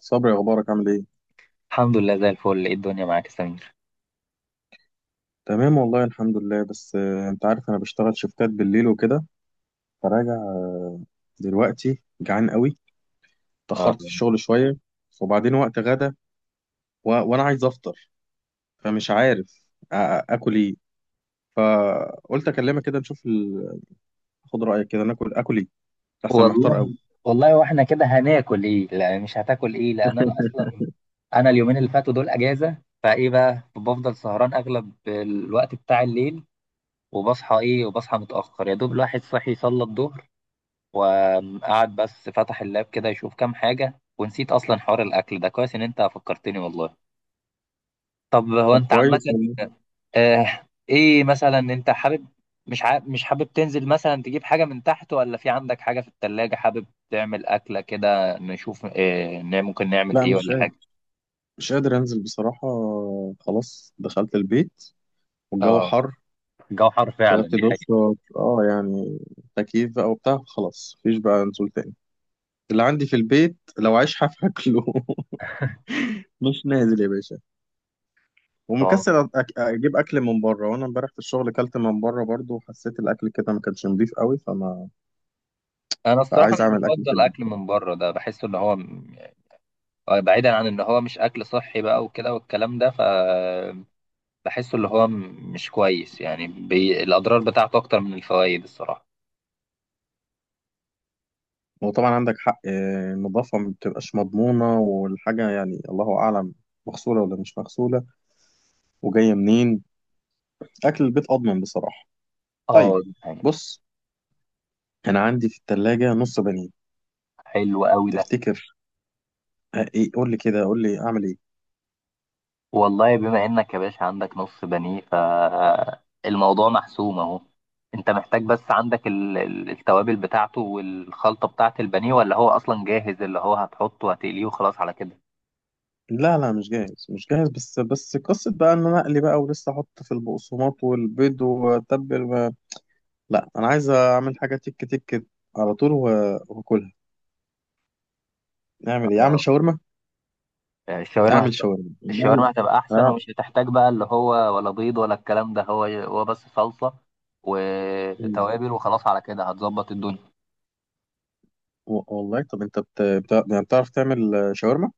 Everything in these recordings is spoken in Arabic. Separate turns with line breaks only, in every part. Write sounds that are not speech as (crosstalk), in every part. صبري، اخبارك؟ عامل ايه؟
الحمد لله زي الفل. ايه الدنيا معاك يا سمير؟
تمام والله الحمد لله. بس انت عارف انا بشتغل شفتات بالليل وكده، فراجع. دلوقتي جعان قوي.
آه.
اتاخرت في الشغل شويه وبعدين وقت غدا وانا عايز افطر، فمش عارف اكل ايه. فقلت اكلمك كده نشوف خد رايك كده ناكل اكل ايه، احسن محتار قوي.
والله، والله واحنا كده هناكل ايه؟ لا، مش هتاكل ايه، لان انا اصلا، اليومين اللي فاتوا دول اجازه. فايه بقى، بفضل سهران اغلب الوقت بتاع الليل، وبصحى متاخر، يا دوب الواحد صحي صلى الظهر وقعد، بس فتح اللاب كده يشوف كام حاجه، ونسيت اصلا حوار الاكل ده. كويس ان انت فكرتني والله. طب هو
طب
انت عامة،
كويس والله.
ايه مثلا، انت حابب مش حابب تنزل مثلا تجيب حاجة من تحت، ولا في عندك حاجة في التلاجة حابب تعمل أكلة كده، نشوف إيه ممكن نعمل
لا
ايه
مش
ولا
قادر،
حاجة؟
مش قادر انزل بصراحه. خلاص دخلت البيت والجو
اه،
حر،
الجو حر فعلا،
خدت
دي
دش.
حقيقة.
اه يعني تكييف بقى وبتاع، خلاص مفيش بقى نزول تاني. اللي عندي في البيت لو عايش هاكله. (laughs) مش نازل يا باشا.
اه،
ومكسل اجيب اكل من بره، وانا امبارح في الشغل كلت من بره برضو وحسيت الاكل كده ما كانش نضيف قوي،
انا الصراحة
فعايز
مش
اعمل اكل في
بفضل
البيت.
اكل من بره، ده بحس ان هو بعيدا عن ان هو مش اكل صحي بقى وكده والكلام ده، فبحسه اللي هو مش كويس، يعني الاضرار بتاعته اكتر من الفوائد الصراحة.
وطبعا عندك حق. النظافه ما بتبقاش مضمونه، والحاجه يعني الله اعلم مغسوله ولا مش مغسوله، وجايه منين. اكل البيت اضمن بصراحه. طيب
اه، دي حقيقة.
بص، انا عندي في الثلاجه نص بانيه.
حلو قوي ده.
تفتكر؟ ايه، قول لي كده، قول لي اعمل ايه.
والله بما انك يا باشا عندك نص بنيه، فالموضوع محسوم اهو. انت محتاج بس، عندك التوابل بتاعته والخلطه بتاعه البانيه، ولا هو اصلا جاهز اللي هو هتحطه وهتقليه وخلاص على كده؟
لا لا مش جاهز مش جاهز. بس قصة بقى ان انا اقلي بقى ولسه احط في البقسماط والبيض واتبل لا انا عايز اعمل حاجة تك تك على طول واكلها. اعمل ايه؟ اعمل
آه.
شاورما؟
الشاورما
اعمل شاورما؟ اعمل
الشاورما هتبقى احسن،
انا.
ومش هتحتاج بقى اللي هو ولا بيض ولا الكلام ده، هو بس صلصه
مم.
وتوابل، وخلاص على كده هتظبط الدنيا.
والله، طب انت يعني بتعرف تعمل شاورما؟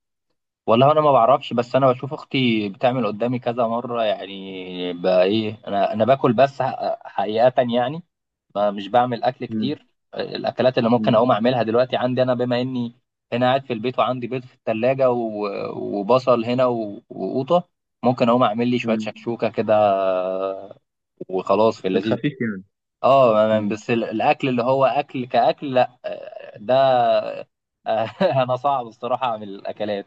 والله انا ما بعرفش، بس انا بشوف اختي بتعمل قدامي كذا مره، يعني بقى ايه، انا باكل بس حقيقه يعني، ما مش بعمل اكل
مم.
كتير. الاكلات اللي ممكن
مم.
اقوم اعملها دلوقتي عندي، انا بما اني هنا قاعد في البيت وعندي بيض في الثلاجه وبصل هنا وقوطه، ممكن اقوم اعمل لي شويه
مم.
شكشوكه كده وخلاص، في
في
اللذيذ.
الخفيف يعني.
اه،
مم.
بس الاكل اللي هو اكل كاكل، لا، ده (laughs) انا صعب الصراحه اعمل الاكلات،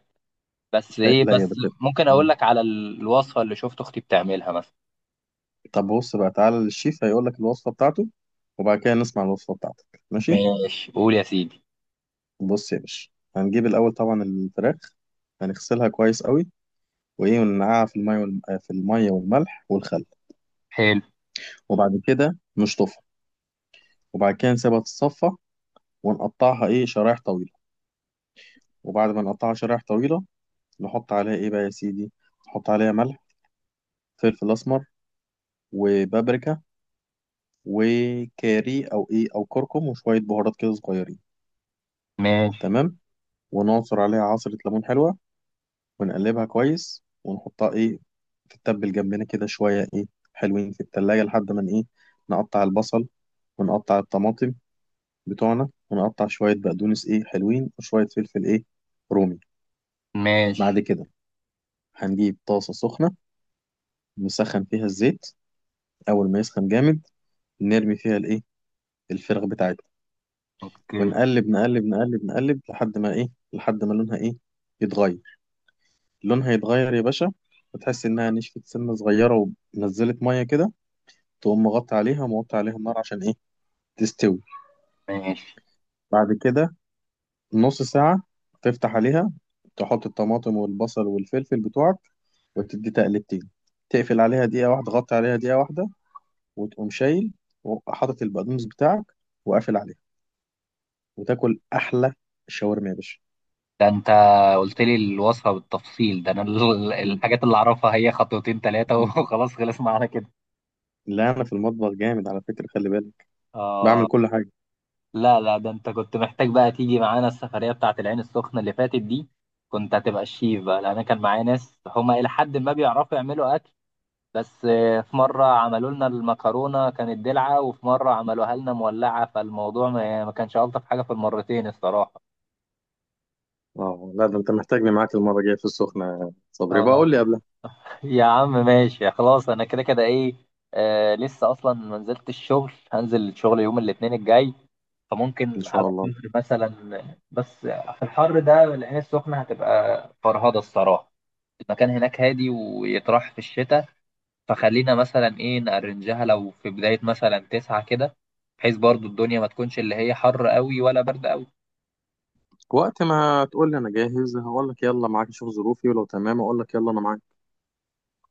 بس
لا
ايه،
لا يا
بس
بت...
ممكن اقول
مم.
لك على الوصفة اللي شفت اختي بتعملها مثلا.
طب بص بقى، تعالى للشيف هيقول لك الوصفة بتاعته، وبعد كده نسمع الوصفة بتاعتك، ماشي؟
ماشي، قول يا سيدي.
بص يا باشا، هنجيب الاول طبعا الفراخ، هنغسلها كويس قوي وايه وننقعها في الميه والم... آه، في الميه والملح والخل.
حلو.
وبعد كده نشطفها، وبعد كده نسيبها تتصفى ونقطعها ايه، شرايح طويله. وبعد ما نقطعها شرايح طويله، نحط عليها ايه بقى يا سيدي، نحط عليها ملح، فلفل اسمر، وبابريكا، وكاري او ايه او كركم، وشويه بهارات كده صغيرين.
ماشي.
تمام. ونعصر عليها عصره ليمون حلوه، ونقلبها كويس، ونحطها ايه، تتبل جنبنا كده شوية ايه، حلوين في التلاجة، لحد ما ايه، نقطع البصل ونقطع الطماطم بتوعنا، ونقطع شوية بقدونس ايه حلوين وشوية فلفل ايه رومي. بعد
ماشي.
كده هنجيب طاسة سخنة، نسخن فيها الزيت. أول ما يسخن جامد، نرمي فيها الايه، الفراخ بتاعتنا.
اوكي.
ونقلب نقلب نقلب نقلب لحد ما ايه، لحد ما لونها ايه يتغير، لونها يتغير يا باشا، وتحس انها نشفت سنة صغيرة ونزلت مية كده، تقوم مغطي عليها وموطي عليها النار عشان ايه تستوي.
ماشي.
بعد كده نص ساعة تفتح عليها، تحط الطماطم والبصل والفلفل بتوعك، وتدي تقلبتين، تقفل عليها دقيقة واحدة، غطي عليها دقيقة واحدة، وتقوم شايل وحاطط البقدونس بتاعك وقافل عليها، وتاكل أحلى شاورما يا باشا.
ده انت قلت لي الوصفة بالتفصيل، ده انا
مم.
الحاجات اللي اعرفها هي خطوتين ثلاثة (laughs) وخلاص، خلص معانا كده.
لا أنا في المطبخ جامد على فكرة، خلي بالك،
اه.
بعمل كل حاجة.
لا، لا، ده انت كنت محتاج بقى تيجي معانا السفرية بتاعت العين السخنة اللي فاتت دي، كنت هتبقى الشيف بقى، لان أنا كان معايا ناس هما الى حد ما بيعرفوا يعملوا اكل، بس في مرة عملوا لنا المكرونة كانت دلعة، وفي مرة عملوها لنا مولعة، فالموضوع ما يعني، ما كانش ألطف حاجة في المرتين الصراحة.
اه لا ده انت محتاجني معاك المرة الجاية في السخنة يا صبري، بقى قول لي
اه،
قبلها.
يا عم ماشي خلاص، أنا كده كده إيه، آه لسه أصلا ما نزلت الشغل، هنزل الشغل يوم الاثنين الجاي،
ان
فممكن على
شاء الله.
الظهر مثلا، بس في الحر ده العين السخنة هتبقى فرهضة الصراحة. المكان هناك هادي ويطرح في الشتاء، فخلينا مثلا ايه نأرنجها لو في بداية مثلا 9 كده، بحيث برضو الدنيا ما تكونش اللي هي حر قوي ولا برد قوي.
وقت ما تقول لي انا جاهز، هقول لك يلا معاك، اشوف ظروفي ولو تمام اقول لك يلا انا معاك.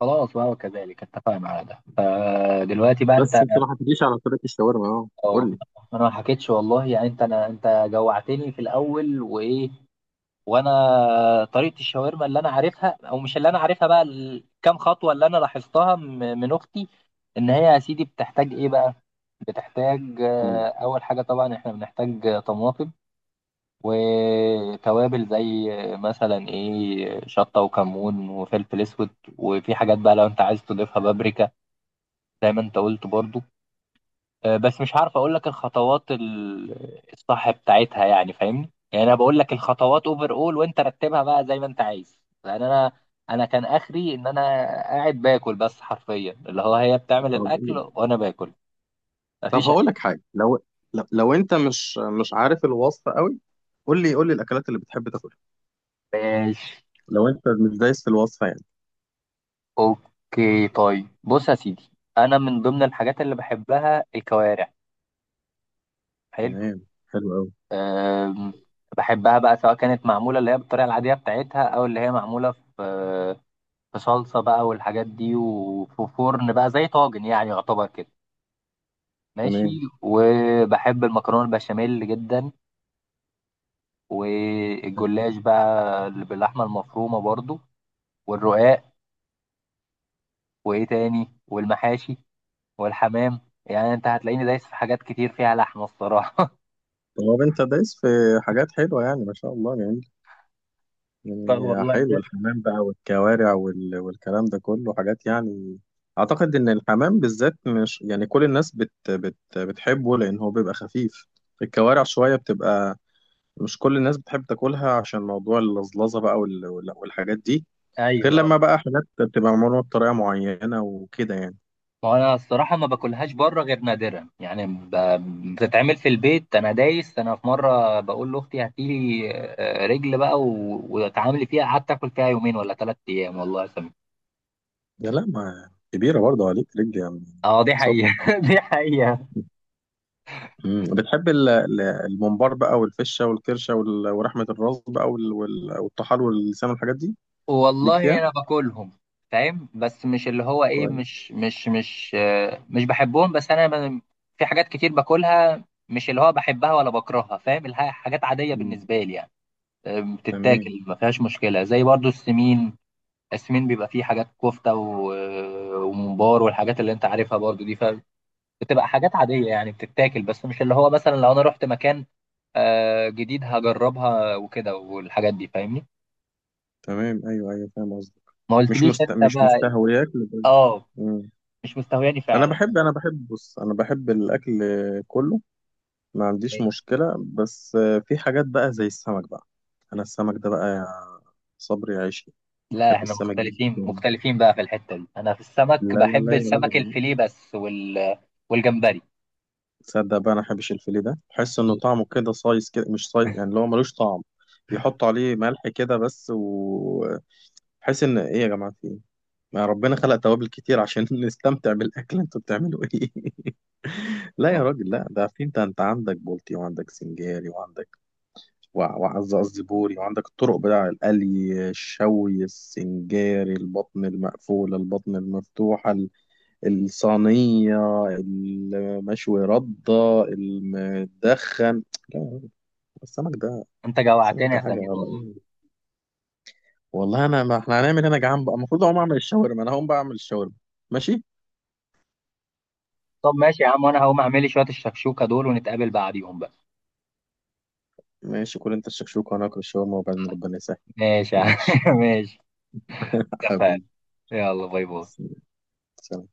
خلاص بقى، وكذلك اتفقنا على ده. فدلوقتي بقى
بس
انت
انت ما حكيتليش على طريقه الشاورما، اه
أو-
قول لي.
انا ما حكيتش والله، يعني انت، انا، انت جوعتني في الاول وايه، وانا، طريقة الشاورما اللي انا عارفها، او مش اللي انا عارفها بقى، الكام خطوة اللي انا لاحظتها من اختي، ان هي يا سيدي بتحتاج ايه بقى؟ بتحتاج
مم.
اول حاجة، طبعا احنا بنحتاج طماطم وتوابل، زي مثلا ايه شطة وكمون وفلفل اسود، وفي حاجات بقى لو انت عايز تضيفها، بابريكا زي ما انت قلت برضو. بس مش عارف اقول لك الخطوات الصح بتاعتها، يعني فاهمني، يعني انا بقول لك الخطوات اوفر اول، وانت رتبها بقى زي ما انت عايز، لان انا كان اخري ان انا قاعد باكل بس، حرفيا اللي هو هي
طب
بتعمل
قول
الاكل
لي.
وانا باكل.
طب
مفيش
هقول لك حاجه، لو لو انت مش مش عارف الوصفه قوي، قول لي، قول لي الاكلات اللي بتحب تاكلها،
ماشي،
لو انت مش دايس في الوصفه يعني.
اوكي، طيب بص يا سيدي، انا من ضمن الحاجات اللي بحبها الكوارع. حلو.
تمام، حلو قوي.
أم، بحبها بقى، سواء كانت معموله اللي هي بالطريقه العاديه بتاعتها، او اللي هي معموله في في صلصه بقى والحاجات دي، وفي فرن بقى زي طاجن يعني، يعتبر كده. ماشي.
تمام.
وبحب المكرونه البشاميل جدا،
طيب.
والجلاش بقى اللي باللحمه المفرومه برضو، والرقاق، وايه تاني، والمحاشي، والحمام، يعني انت هتلاقيني دايس في حاجات كتير فيها لحمه الصراحه.
طب انت دايس في حاجات حلوه يعني ما شاء الله يعني.
طب
يعني
والله
حلو،
جامد.
الحمام بقى والكوارع والكلام ده كله حاجات يعني. أعتقد إن الحمام بالذات مش يعني كل الناس بتحبه، لأن هو بيبقى خفيف. الكوارع شوية بتبقى مش كل الناس بتحب تاكلها، عشان موضوع اللزلزة بقى والحاجات دي، غير
ايوه،
لما بقى حاجات بتبقى معمولة بطريقة معينة وكده يعني.
وانا الصراحه ما باكلهاش بره غير نادرا، يعني بتتعمل في البيت، انا دايس. انا في مره بقول لاختي هاتي لي رجل بقى واتعاملي فيها، قعدت اكل فيها يومين ولا 3 ايام والله يا سمير.
يا لا ما كبيرة برضه عليك رجلي يا عم
اه، دي
صبري.
حقيقه. (laughs) دي حقيقه.
مم. بتحب الممبار بقى والفشه والكرشه ورحمه الراس بقى والطحال واللسان والحاجات دي، ليك
والله
فيها؟
انا باكلهم، فاهم، بس مش اللي هو ايه،
كويس.
مش بحبهم، بس انا في حاجات كتير باكلها، مش اللي هو بحبها ولا بكرهها، فاهم، حاجات عاديه
مم.
بالنسبه لي يعني،
تمام.
بتتاكل ما فيهاش مشكله، زي برضو السمين. السمين بيبقى فيه حاجات، كفته وممبار والحاجات اللي انت عارفها برضو دي، فبتبقى حاجات عاديه يعني، بتتاكل، بس مش اللي هو مثلا لو انا رحت مكان جديد هجربها وكده والحاجات دي، فاهمني.
تمام ايوه ايوه فاهم قصدك.
ما قلتليش انت
مش
بقى.
مستهوياك
اه.
مم.
مش مستهواني
انا
فعلا.
بحب، بص انا بحب الاكل كله، ما عنديش مشكله. بس في حاجات بقى زي السمك بقى. انا السمك ده بقى يا صبري عيشي،
لا،
بحب
احنا
السمك
مختلفين،
جدا.
مختلفين بقى في الحته دي، انا في
لا
السمك
لا
بحب
لا يا
السمك
راجل.
الفيليه بس، والجمبري.
تصدق بقى انا بحبش الفيليه، ده بحس انه
(laughs)
طعمه كده صايص، كده مش صايص يعني، اللي هو ملوش طعم. بيحطوا عليه ملح كده بس. وبحس ان ايه يا جماعه، في ايه، ما ربنا خلق توابل كتير عشان (laughs) نستمتع بالاكل، انتوا بتعملوا ايه؟ (laughs) لا يا راجل لا، ده في، انت انت عندك بولتي، وعندك سنجاري، وعندك قصدي بوري، وعندك الطرق بتاع القلي، الشوي، السنجاري، البطن المقفوله، البطن المفتوحه، الصينية، المشوي، ردة، المدخن. لا، السمك ده،
انت
السمك
جوعتني يا
ده حاجة.
سمير والله.
والله انا، ما احنا هنعمل هنا، جعان بقى، المفروض اقوم اعمل الشاورما، انا هقوم بقى اعمل الشاورما. ماشي.
طب ماشي يا عم، وانا هقوم اعمل لي شوية الشكشوكة دول، ونتقابل بعديهم بقى.
ماشي كل انت الشكشوك وانا اكل الشاورما، وبعدين ربنا يسهل.
ماشي يا عم.
ماشي.
(laughs) ماشي.
(laughs)
اتفقنا.
حبيبي.
يلا باي باي.
سلام.